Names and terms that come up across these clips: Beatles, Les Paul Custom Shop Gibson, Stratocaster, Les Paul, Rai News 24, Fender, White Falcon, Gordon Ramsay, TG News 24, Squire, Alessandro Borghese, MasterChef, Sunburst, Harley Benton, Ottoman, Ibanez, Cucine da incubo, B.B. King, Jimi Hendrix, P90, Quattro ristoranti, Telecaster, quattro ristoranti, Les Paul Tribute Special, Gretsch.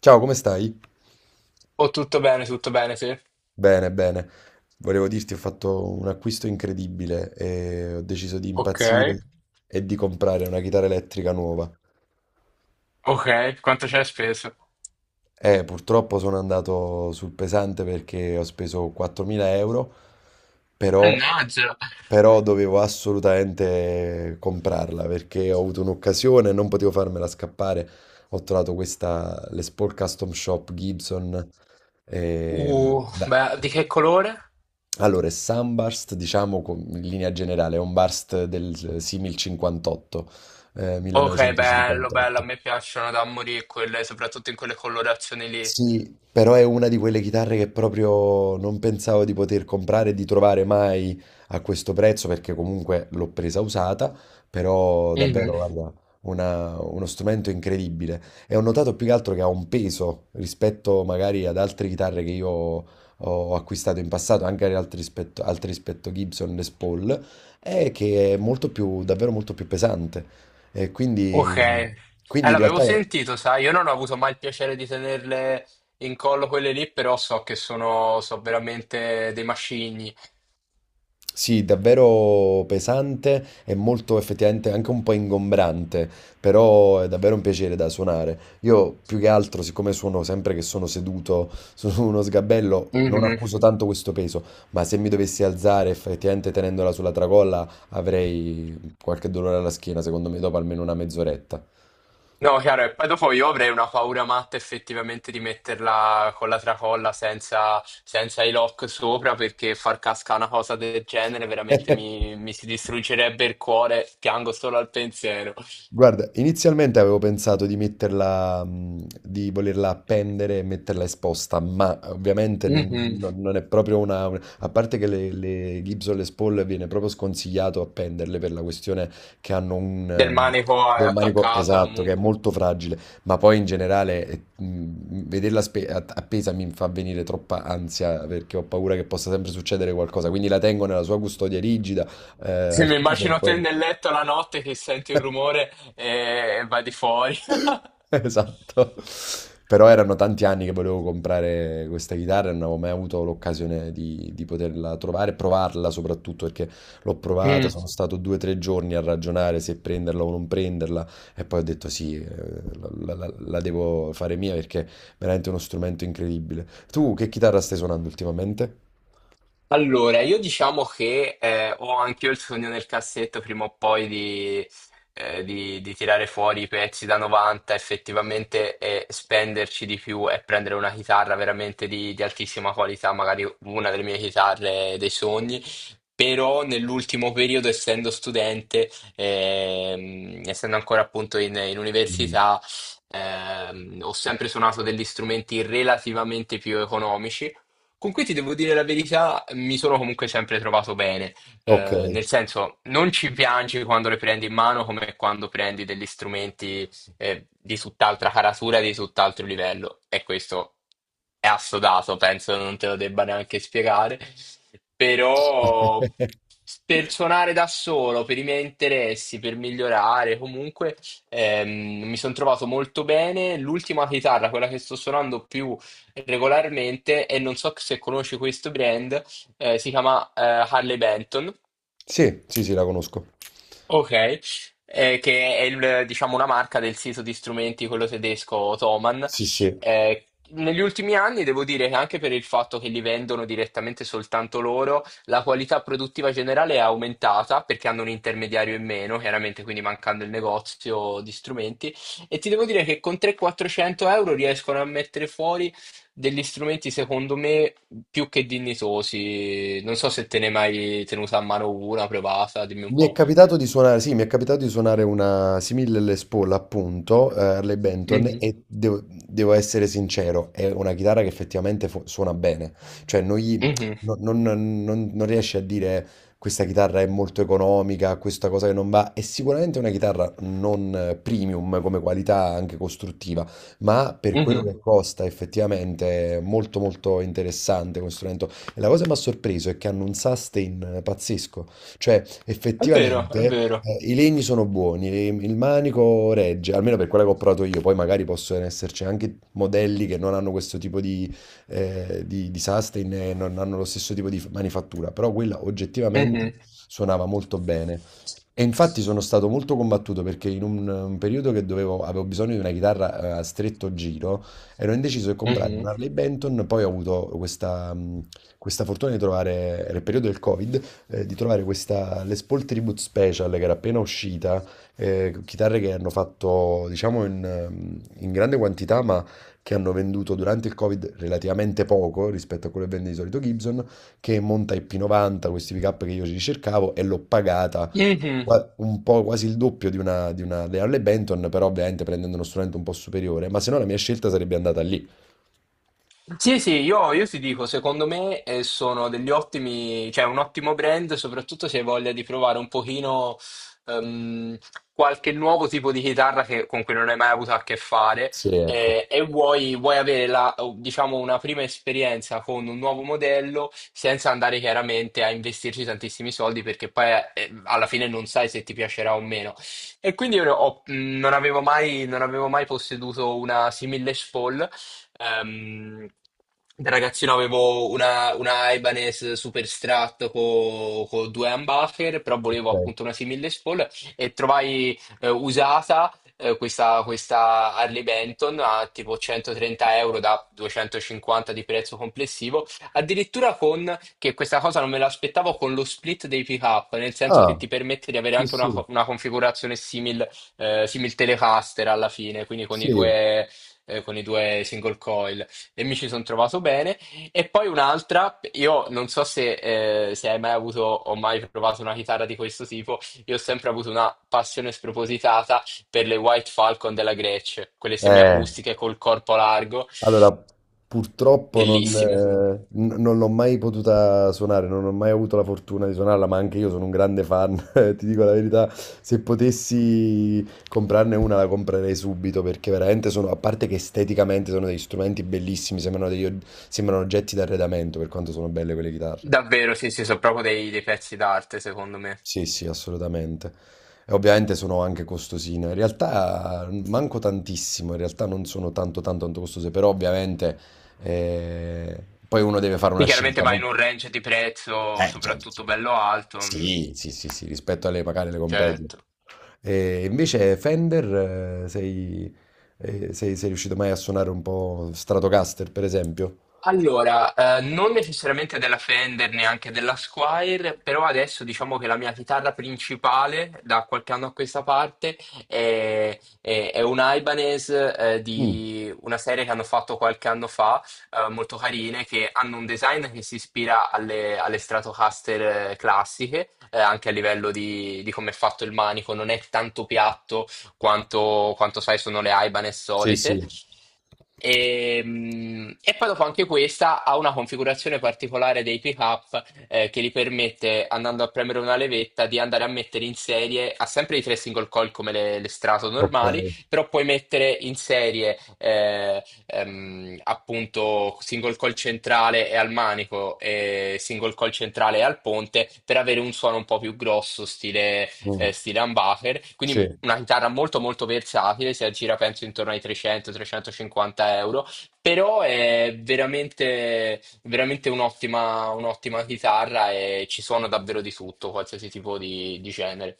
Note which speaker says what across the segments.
Speaker 1: Ciao, come stai?
Speaker 2: Oh, tutto bene, sì.
Speaker 1: Bene, bene. Volevo dirti, ho fatto un acquisto incredibile e ho deciso di
Speaker 2: Ok,
Speaker 1: impazzire e di comprare una chitarra elettrica nuova.
Speaker 2: ok, quanto c'è speso?
Speaker 1: Purtroppo sono andato sul pesante perché ho speso 4.000 euro, però,
Speaker 2: Mannaggia!
Speaker 1: però dovevo assolutamente comprarla perché ho avuto un'occasione e non potevo farmela scappare. Ho trovato questa Les Paul Custom Shop Gibson. E la-
Speaker 2: Beh, di che colore?
Speaker 1: Allora, il Sunburst, diciamo in linea generale, è un burst del simil 58,
Speaker 2: Ok, bello, bello, a
Speaker 1: 1958.
Speaker 2: me piacciono da morire quelle, soprattutto in quelle colorazioni lì.
Speaker 1: Sì, però è una di quelle chitarre che proprio non pensavo di poter comprare e di trovare mai a questo prezzo perché comunque l'ho presa usata, però davvero,
Speaker 2: Mhm.
Speaker 1: guarda, uno strumento incredibile. E ho notato più che altro che ha un peso rispetto magari ad altre chitarre che io ho acquistato in passato, anche ad altri rispetto Gibson Les Paul, è che è molto più, davvero molto più pesante. E
Speaker 2: Ok.
Speaker 1: quindi, quindi in
Speaker 2: L'avevo
Speaker 1: realtà...
Speaker 2: sentito, sai, io non ho avuto mai il piacere di tenerle in collo quelle lì, però so che sono, so veramente dei macigni.
Speaker 1: Sì, davvero pesante e molto effettivamente anche un po' ingombrante, però è davvero un piacere da suonare. Io più che altro, siccome suono sempre che sono seduto su uno sgabello, non accuso tanto questo peso, ma se mi dovessi alzare effettivamente tenendola sulla tracolla avrei qualche dolore alla schiena, secondo me, dopo almeno una mezz'oretta.
Speaker 2: No, chiaro, e poi dopo io avrei una paura matta effettivamente di metterla con la tracolla senza, i lock sopra perché far cascare una cosa del genere veramente mi, mi si distruggerebbe il cuore, piango solo al pensiero.
Speaker 1: Guarda, inizialmente avevo pensato di metterla, di volerla appendere e metterla esposta, ma ovviamente ne-
Speaker 2: Mhm.
Speaker 1: non, non è proprio una... A parte che le Gibson Les Paul viene proprio sconsigliato appenderle per la questione che hanno un...
Speaker 2: Del
Speaker 1: ehm,
Speaker 2: manico è
Speaker 1: un manico
Speaker 2: attaccato
Speaker 1: esatto, che è
Speaker 2: comunque.
Speaker 1: molto fragile, ma poi in generale vederla appesa mi fa venire troppa ansia perché ho paura che possa sempre succedere qualcosa, quindi la tengo nella sua custodia rigida,
Speaker 2: Sì,
Speaker 1: al
Speaker 2: mi
Speaker 1: chiuso e
Speaker 2: immagino te
Speaker 1: poi...
Speaker 2: nel letto la notte che senti un rumore e vai di fuori.
Speaker 1: Esatto. Però erano tanti anni che volevo comprare questa chitarra e non avevo mai avuto l'occasione di poterla trovare, provarla soprattutto perché l'ho provata,
Speaker 2: Mm.
Speaker 1: sono stato due o tre giorni a ragionare se prenderla o non prenderla e poi ho detto sì, la devo fare mia perché è veramente uno strumento incredibile. Tu che chitarra stai suonando ultimamente?
Speaker 2: Allora, io diciamo che ho anch'io il sogno nel cassetto prima o poi di tirare fuori i pezzi da 90 effettivamente e spenderci di più e prendere una chitarra veramente di altissima qualità, magari una delle mie chitarre dei sogni. Però nell'ultimo periodo, essendo studente, essendo ancora appunto in
Speaker 1: Mm.
Speaker 2: università, ho sempre suonato degli strumenti relativamente più economici con cui ti devo dire la verità, mi sono comunque sempre trovato bene.
Speaker 1: Ok.
Speaker 2: Nel senso non ci piangi quando le prendi in mano come quando prendi degli strumenti, di tutt'altra caratura, di tutt'altro livello, e questo è assodato, penso non te lo debba neanche spiegare, però per suonare da solo, per i miei interessi, per migliorare, comunque mi sono trovato molto bene. L'ultima chitarra, quella che sto suonando più regolarmente, e non so se conosci questo brand, si chiama Harley Benton.
Speaker 1: Sì, sì, sì, la conosco.
Speaker 2: Ok. Che è diciamo, una marca del sito di strumenti, quello tedesco Ottoman.
Speaker 1: Sì, sì.
Speaker 2: Negli ultimi anni devo dire che anche per il fatto che li vendono direttamente soltanto loro, la qualità produttiva generale è aumentata perché hanno un intermediario in meno, chiaramente, quindi mancando il negozio di strumenti. E ti devo dire che con 300-400 euro riescono a mettere fuori degli strumenti, secondo me, più che dignitosi. Non so se te ne hai mai tenuta a mano una, provata, dimmi un
Speaker 1: Mi è
Speaker 2: po'.
Speaker 1: capitato di suonare, sì, mi è capitato di suonare una simile Les Paul, appunto, Harley Benton,
Speaker 2: Mhm,
Speaker 1: e devo essere sincero, è una chitarra che effettivamente suona bene, cioè non,
Speaker 2: mhm,
Speaker 1: no, non riesci a dire questa chitarra è molto economica, questa cosa che non va, è sicuramente una chitarra non premium come qualità anche costruttiva, ma per quello
Speaker 2: mhm.
Speaker 1: che costa effettivamente è molto molto interessante questo strumento. E la cosa che mi ha sorpreso è che hanno un sustain pazzesco. Cioè,
Speaker 2: È vero, è
Speaker 1: effettivamente,
Speaker 2: vero.
Speaker 1: i legni sono buoni, il manico regge, almeno per quella che ho provato io. Poi magari possono esserci anche modelli che non hanno questo tipo di sustain e non hanno lo stesso tipo di manifattura, però quella
Speaker 2: Mhm,
Speaker 1: oggettivamente suonava molto bene. E infatti sono stato molto combattuto perché in un periodo che dovevo, avevo bisogno di una chitarra a stretto giro, ero indeciso di comprare
Speaker 2: mhm,
Speaker 1: una Harley Benton, poi ho avuto questa fortuna di trovare, era il periodo del Covid, di trovare questa Les Paul Tribute Special che era appena uscita, chitarre che hanno fatto diciamo in grande quantità ma che hanno venduto durante il Covid relativamente poco rispetto a quello che vende di solito Gibson, che monta i P90, questi pick-up che io ci ricercavo e l'ho pagata
Speaker 2: mhm.
Speaker 1: un po' quasi il doppio di una Harley Benton, però ovviamente prendendo uno strumento un po' superiore, ma se no la mia scelta sarebbe andata lì.
Speaker 2: Sì, sì, io ti dico, secondo me, sono degli ottimi, cioè un ottimo brand, soprattutto se hai voglia di provare un pochino, ehm, qualche nuovo tipo di chitarra con cui non hai mai avuto a che fare,
Speaker 1: Sì, ecco.
Speaker 2: e vuoi avere la, diciamo, una prima esperienza con un nuovo modello senza andare chiaramente a investirci tantissimi soldi, perché poi, alla fine, non sai se ti piacerà o meno. E quindi non avevo mai posseduto una simile Les Paul. Ehm, Da ragazzino avevo una Ibanez super strat con due humbucker, però volevo
Speaker 1: Ok.
Speaker 2: appunto una simile Paul, e trovai, usata, questa Harley Benton a tipo 130 euro da 250 di prezzo complessivo, addirittura con, che questa cosa non me l'aspettavo, con lo split dei pick-up, nel senso che
Speaker 1: Ah,
Speaker 2: ti permette di avere
Speaker 1: sì,
Speaker 2: anche una,
Speaker 1: sì,
Speaker 2: una configurazione simil, simil Telecaster alla fine, quindi con i
Speaker 1: sì.
Speaker 2: due, single coil, e mi ci sono trovato bene. E poi un'altra, io non so se hai mai avuto o mai provato una chitarra di questo tipo, io ho sempre avuto una passione spropositata per le White Falcon della Gretsch, quelle
Speaker 1: Eh.
Speaker 2: semiacustiche col corpo largo,
Speaker 1: Allora, purtroppo non,
Speaker 2: bellissime.
Speaker 1: eh, n- non l'ho mai potuta suonare, non ho mai avuto la fortuna di suonarla, ma anche io sono un grande fan, ti dico la verità, se potessi comprarne una la comprerei subito perché veramente sono, a parte che esteticamente sono degli strumenti bellissimi, sembrano oggetti d'arredamento per quanto sono belle quelle chitarre.
Speaker 2: Davvero, sì, sì, sono proprio dei pezzi d'arte, secondo me.
Speaker 1: Sì, sì, assolutamente. E ovviamente sono anche costosine. In realtà manco tantissimo, in realtà non sono tanto tanto tanto costose, però ovviamente poi uno deve fare una
Speaker 2: Sì, chiaramente
Speaker 1: scelta,
Speaker 2: vai in
Speaker 1: no?
Speaker 2: un range di prezzo
Speaker 1: Certo.
Speaker 2: soprattutto bello alto, mm,
Speaker 1: Sì, sì, sì, sì, rispetto alle magari le compagnie.
Speaker 2: certo.
Speaker 1: E invece Fender, sei riuscito mai a suonare un po' Stratocaster, per esempio?
Speaker 2: Allora, non necessariamente della Fender, neanche della Squire, però adesso diciamo che la mia chitarra principale da qualche anno a questa parte è un Ibanez,
Speaker 1: Mm.
Speaker 2: di una serie che hanno fatto qualche anno fa, molto carine, che hanno un design che si ispira alle Stratocaster, classiche, anche a livello di come è fatto il manico, non è tanto piatto quanto sai sono le Ibanez
Speaker 1: Sì,
Speaker 2: solite.
Speaker 1: sì,
Speaker 2: E poi dopo anche questa ha una configurazione particolare dei pickup, che gli permette, andando a premere una levetta, di andare a mettere in serie, ha sempre i tre single coil come le strato
Speaker 1: ok.
Speaker 2: normali, però puoi mettere in serie, appunto, single coil centrale e al manico e single coil centrale e al ponte, per avere un suono un po' più grosso, stile,
Speaker 1: Mm.
Speaker 2: stile humbucker. Quindi
Speaker 1: Sì.
Speaker 2: una chitarra molto molto versatile, si aggira penso intorno ai 300-350 euro, però è veramente, veramente un'ottima, un'ottima chitarra, e ci suona davvero di tutto, qualsiasi tipo di genere.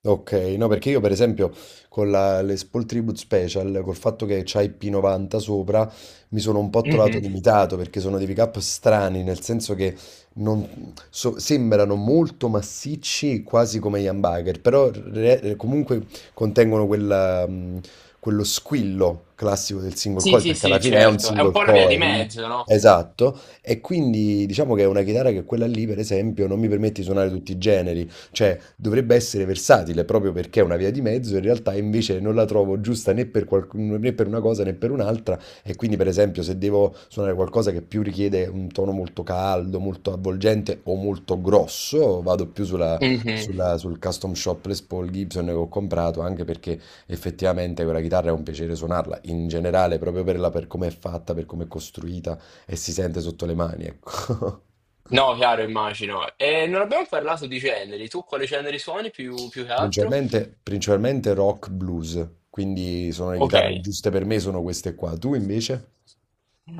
Speaker 1: Ok, no, perché io per esempio con le Spol Tribute Special, col fatto che c'hai P90 sopra, mi sono un po' trovato
Speaker 2: Mhm.
Speaker 1: limitato perché sono dei pick-up strani, nel senso che sembrano molto massicci, quasi come gli humbucker, però comunque contengono quello squillo classico del single
Speaker 2: Sì,
Speaker 1: coil,
Speaker 2: sì,
Speaker 1: perché alla
Speaker 2: sì,
Speaker 1: fine è un
Speaker 2: certo, è un
Speaker 1: single
Speaker 2: po' una via di
Speaker 1: coil.
Speaker 2: mezzo, no?
Speaker 1: Esatto, e quindi diciamo che è una chitarra che quella lì, per esempio, non mi permette di suonare tutti i generi. Cioè, dovrebbe essere versatile proprio perché è una via di mezzo, in realtà invece non la trovo giusta né per, né per una cosa né per un'altra. E quindi, per esempio, se devo suonare qualcosa che più richiede un tono molto caldo, molto avvolgente o molto grosso, vado più sulla-
Speaker 2: Mhm.
Speaker 1: sulla- sul custom shop Les Paul Gibson che ho comprato, anche perché effettivamente quella chitarra è un piacere suonarla in generale, proprio per come è fatta, per come è costruita e si sente sotto le mani, ecco.
Speaker 2: No, chiaro, immagino. E non abbiamo parlato di generi, tu quali generi suoni più che altro?
Speaker 1: Principalmente, principalmente rock blues, quindi sono le
Speaker 2: Ok.
Speaker 1: chitarre giuste per me, sono queste qua. Tu invece?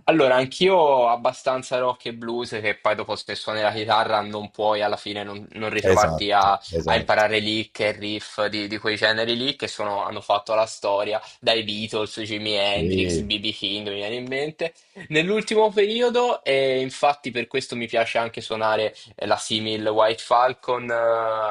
Speaker 2: Allora, anch'io abbastanza rock e blues, che poi dopo se suoni la chitarra non puoi alla fine non ritrovarti a,
Speaker 1: Esatto,
Speaker 2: a
Speaker 1: esatto.
Speaker 2: imparare lick e riff di quei generi lì, che hanno fatto la storia, dai Beatles, Jimi Hendrix,
Speaker 1: Sì,
Speaker 2: BB. King, mi viene in mente. Nell'ultimo periodo, e infatti per questo mi piace anche suonare, la simil White Falcon,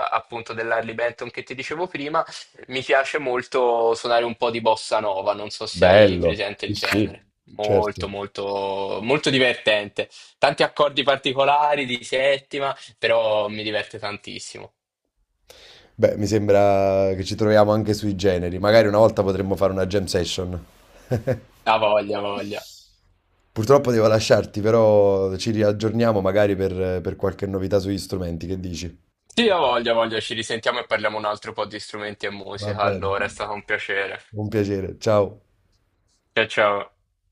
Speaker 2: appunto dell'Harley Benton che ti dicevo prima, mi piace molto suonare un po' di bossa nova, non so se hai
Speaker 1: bello.
Speaker 2: presente
Speaker 1: Sì,
Speaker 2: il genere.
Speaker 1: sì, certo.
Speaker 2: Molto, molto, molto divertente. Tanti accordi particolari di settima, però mi diverte tantissimo.
Speaker 1: Beh, mi sembra che ci troviamo anche sui generi. Magari una volta potremmo fare una jam session.
Speaker 2: Ha voglia, ha voglia.
Speaker 1: Purtroppo devo lasciarti, però ci riaggiorniamo magari per qualche novità sugli strumenti. Che dici?
Speaker 2: Sì, ha voglia, ha voglia. Ci risentiamo e parliamo un altro po' di strumenti e
Speaker 1: Va
Speaker 2: musica.
Speaker 1: bene.
Speaker 2: Allora, è stato un piacere.
Speaker 1: Un piacere. Ciao.
Speaker 2: Ciao, ciao.